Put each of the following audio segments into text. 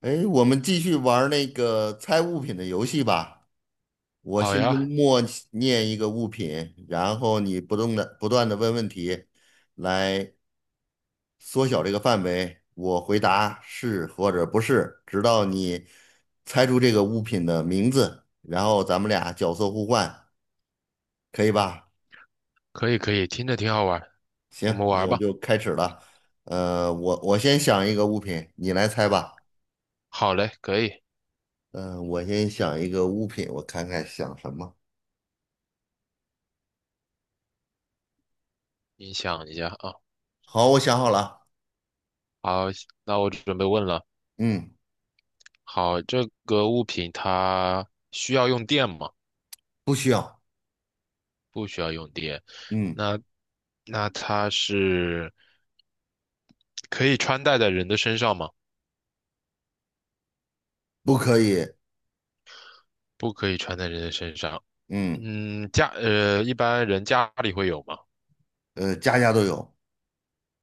哎，我们继续玩儿那个猜物品的游戏吧。我好心中呀，默念一个物品，然后你不断的问问题，来缩小这个范围。我回答是或者不是，直到你猜出这个物品的名字，然后咱们俩角色互换，可以吧？可以可以，听着挺好玩儿，我行，们玩那儿我吧。就开始了。我先想一个物品，你来猜吧。好嘞，可以，嗯、我先想一个物品，我看看想什么。你想一下啊。好，我想好了。好，那我准备问了。嗯，好，这个物品它需要用电吗？不需要。嗯，那那它是可以穿戴在人的身上吗？不可以。不可以穿在人的身上。嗯。嗯，一般人家里会有吗？家家都有。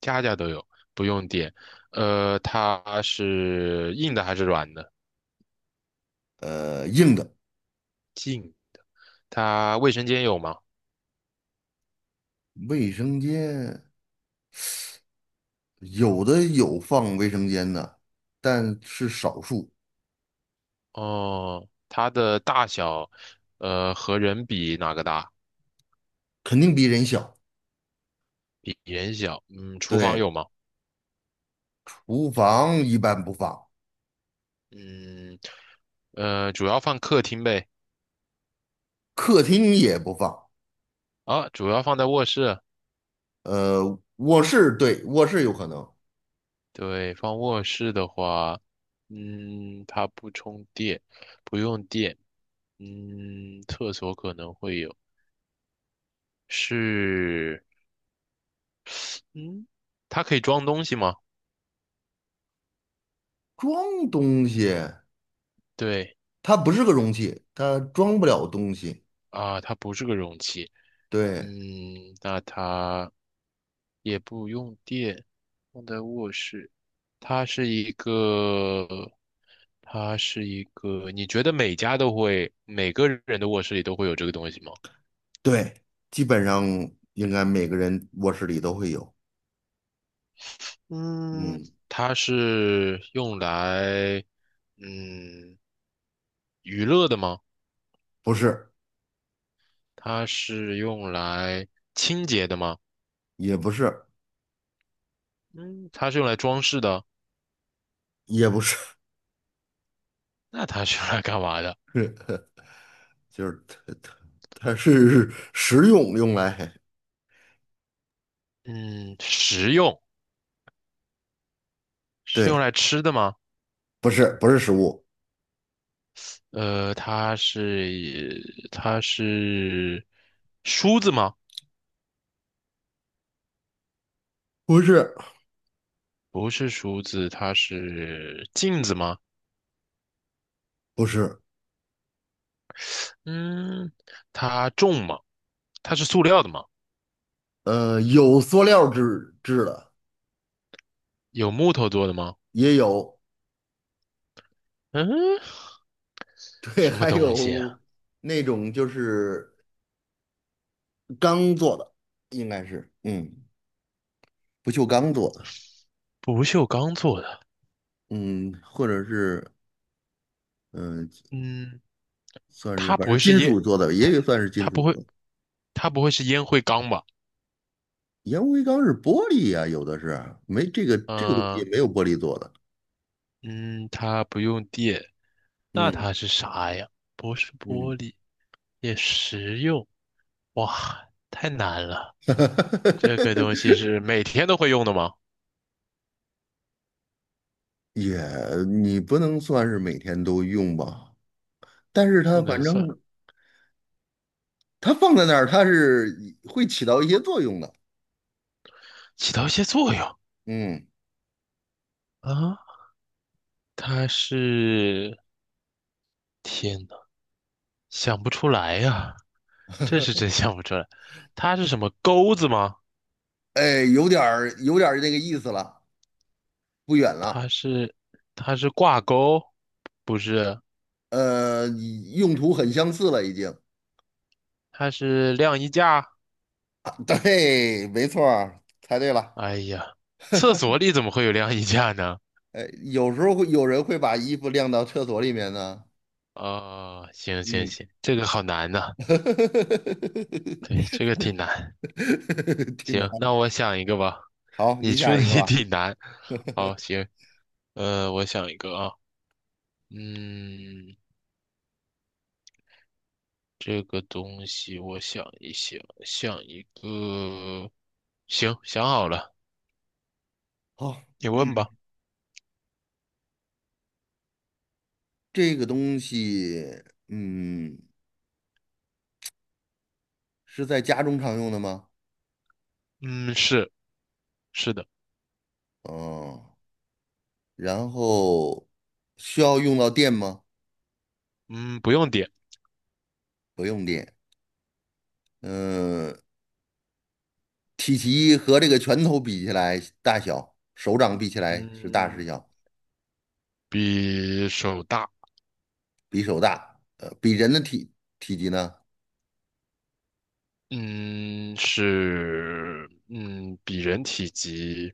家家都有，不用电。呃，它是硬的还是软的？硬的。硬。它卫生间有吗？卫生间有的有放卫生间的，但是少数。哦，它的大小，和人比哪个大？肯定比人小。比人小。嗯，厨房对，有吗？厨房一般不放，嗯，呃，主要放客厅呗。客厅也不放。啊，主要放在卧室。卧室对，卧室有可能对，放卧室的话，嗯，它不充电，不用电。嗯，厕所可能会有。是，嗯，它可以装东西吗？装东西，对，它不是个容器，它装不了东西。啊，它不是个容器。对嗯，那它也不用电，放在卧室。它是一个，它是一个，你觉得每家都会，每个人的卧室里都会有这个东西吗？对，基本上应该每个人卧室里都会有。嗯，嗯，它是用来，嗯，娱乐的吗？不是。它是用来清洁的吗？也不是。嗯，它是用来装饰的，也不是。那它是用来干嘛的？就是它它是食用用来。嗯，食用，是用对，来吃的吗？不是不是食物。它是梳子吗？不是不是梳子，它是镜子吗？不是。嗯，它重吗？它是塑料的吗？有塑料制的。有木头做的吗？也有。嗯，对，什么还东西有啊，那种就是钢做的，应该是。嗯，不锈钢做的。不锈钢做的。嗯，或者是嗯、呃嗯，算是它反不会正是金烟，属做的，也它有算是金它属不会，做的。它不会是烟灰缸吧？烟灰缸是玻璃呀、有的是没这个这个东嗯、西没有玻璃做的。嗯，它不用电，那嗯。它是啥呀？不是玻嗯，璃。也实用，哇，太难了。这个东西是 每天都会用的吗？也你不能算是每天都用吧，但是不它能反正算，它放在那儿，它是会起到一些作用的。起到一些作用嗯。啊。它是，天呐，想不出来呀、这是真想不出来。它是什么钩子吗？哎，有点儿有点儿那个意思了，不远了。它是，它是挂钩，不是，用途很相似了已经。它是晾衣架。啊对，没错儿，猜对了。哎呀，厕所里怎么会有晾衣架呢？哎，有时候会有人会把衣服晾到厕所里面呢。哦，行行嗯，行，这个好难呐、对，这个挺难。挺难。行，那我想一个吧。好，你你出想的 一个 也吧。挺难。好，行，我想一个啊，嗯，这个东西我想一想，想一个，行，想好了，好。你问吧。这个东西，嗯，是在家中常用的吗？嗯，是是的，嗯，然后需要用到电吗？嗯，不用点，不用电。嗯，体积和这个拳头比起来，大小，手掌比起来是大是嗯，小？比手大，比手大。呃，比人的体积呢？嗯，是，嗯，比人体积，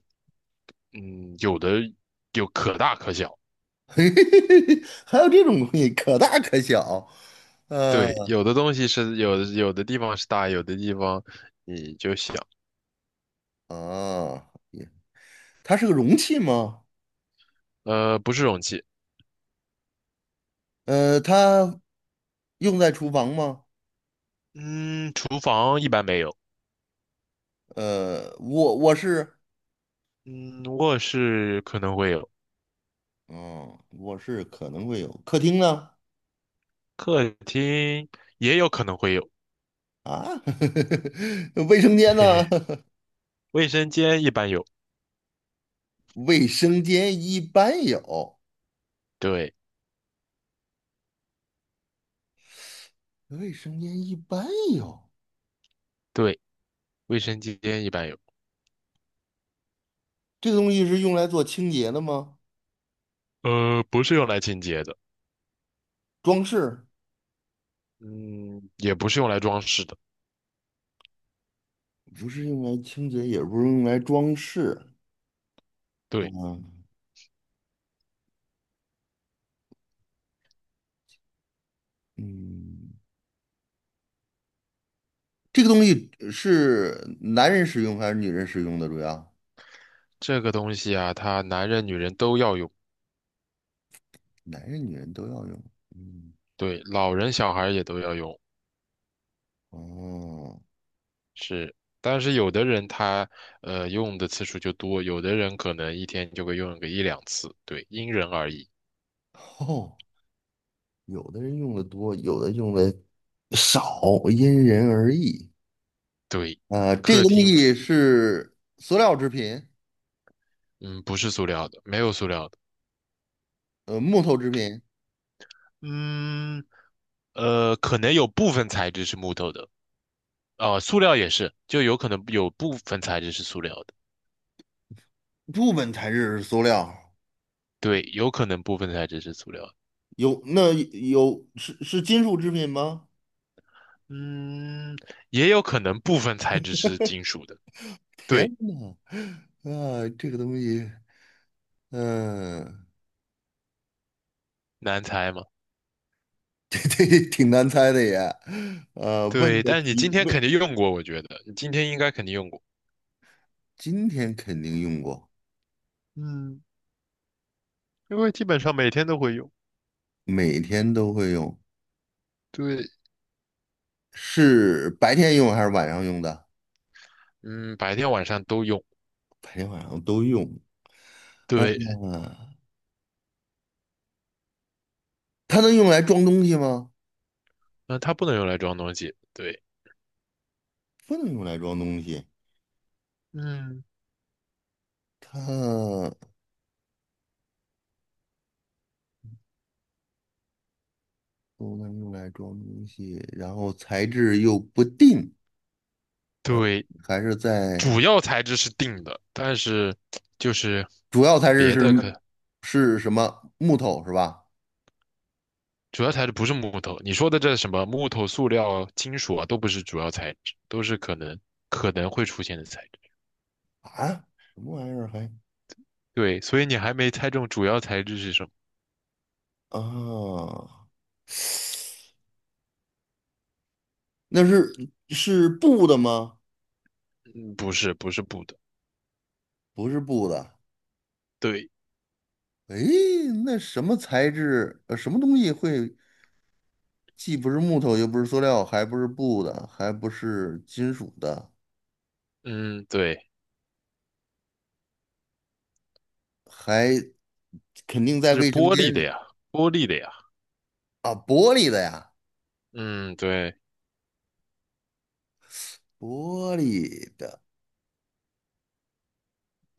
嗯,有可大可小。嘿嘿嘿嘿还有这种东西，可大可小。呃。对，有的东西是有的，有的地方是大，有的地方你就小。啊，它是个容器吗？呃，不是容器。呃，它用在厨房吗？嗯，厨房一般没有。呃，我是。嗯，卧室可能会有，嗯，卧室可能会有，客厅呢？客厅也有可能会有。啊，卫生间嘿呢？嘿，卫生间一般有。卫生间一般有。对卫生间一般有。对，卫生间一般有。这个东西是用来做清洁的吗？呃，不是用来清洁的。装饰？嗯，也不是用来装饰的。不是用来清洁，也不是用来装饰。对，嗯嗯，这个东西是男人使用还是女人使用的？主要这个东西啊，它男人女人都要用。男人、女人都要用。嗯。对，老人小孩也都要用。哦。但是有的人他用的次数就多，有的人可能一天就会用个一两次，对，因人而异。哦。有的人用的多，有的用的少，因人而异。对，啊、这个客东厅，西是塑料制品。嗯，不是塑料的，没有塑料的，木头制品。嗯，可能有部分材质是木头的，哦，塑料也是，就有可能有部分材质是塑料的，部分材质是塑料。对，有可能部分材质是塑料的，有那有是金属制品吗？嗯，也有可能部分材质是金属的，天对，呐。啊，这个东西，嗯、难猜吗？这这挺难猜的也。问对，的但是你题今天问。肯定用过，我觉得你今天应该肯定用过。今天肯定用过。嗯，因为基本上每天都会用，每天都会用。对，是白天用还是晚上用的？嗯，白天晚上都用，白天晚上都用。啊，对，它能用来装东西吗？那它不能用来装东西，对，不能用来装东西。嗯，它不能用来装东西，然后材质又不定。对，还是在主要材质是定的，但是就是主要材质别是的可是什么？木头是吧？主要材质不是木头，你说的这什么木头、塑料、金属啊，都不是主要材质，都是可能会出现的材质，啊，什么玩意儿还对，所以你还没猜中主要材质是什么，啊？那是布的吗？嗯，不是，不是布的，不是布的。对，诶，那什么材质？呃，什么东西会？既不是木头，又不是塑料，还不是布的，还不是金属的，嗯，对，还肯定在这是卫生玻璃间的里。呀，玻璃的呀，啊，玻璃的呀，嗯，对。玻璃的。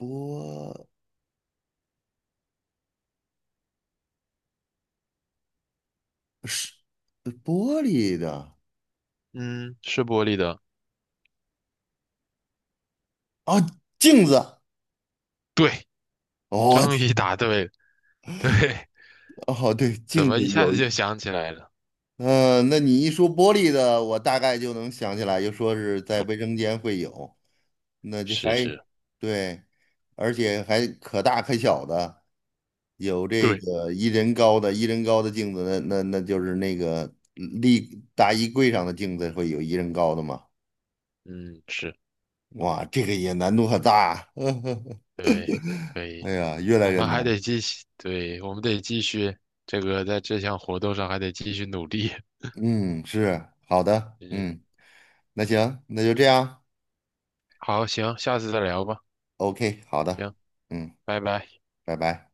玻是玻璃的。嗯，是玻璃的。啊，镜子。对，哦，终于答对了。对，哦，对，怎镜么一子下有。子就想起来了？嗯，那你一说玻璃的，我大概就能想起来，就说是在卫生间会有。那就是还是，对，而且还可大可小的，有这对，个一人高的，一人高的镜子，那就是那个立大衣柜上的镜子会有一人高的嘛？嗯，是，哇，这个也难度很大。对，可哎以。呀，越来我越们还难。得继续，对，我们得继续在这项活动上还得继续努力。嗯，是，好的。嗯，嗯，那行，那就这样好，行，下次再聊吧。，OK，好的。行，嗯，拜拜。拜拜。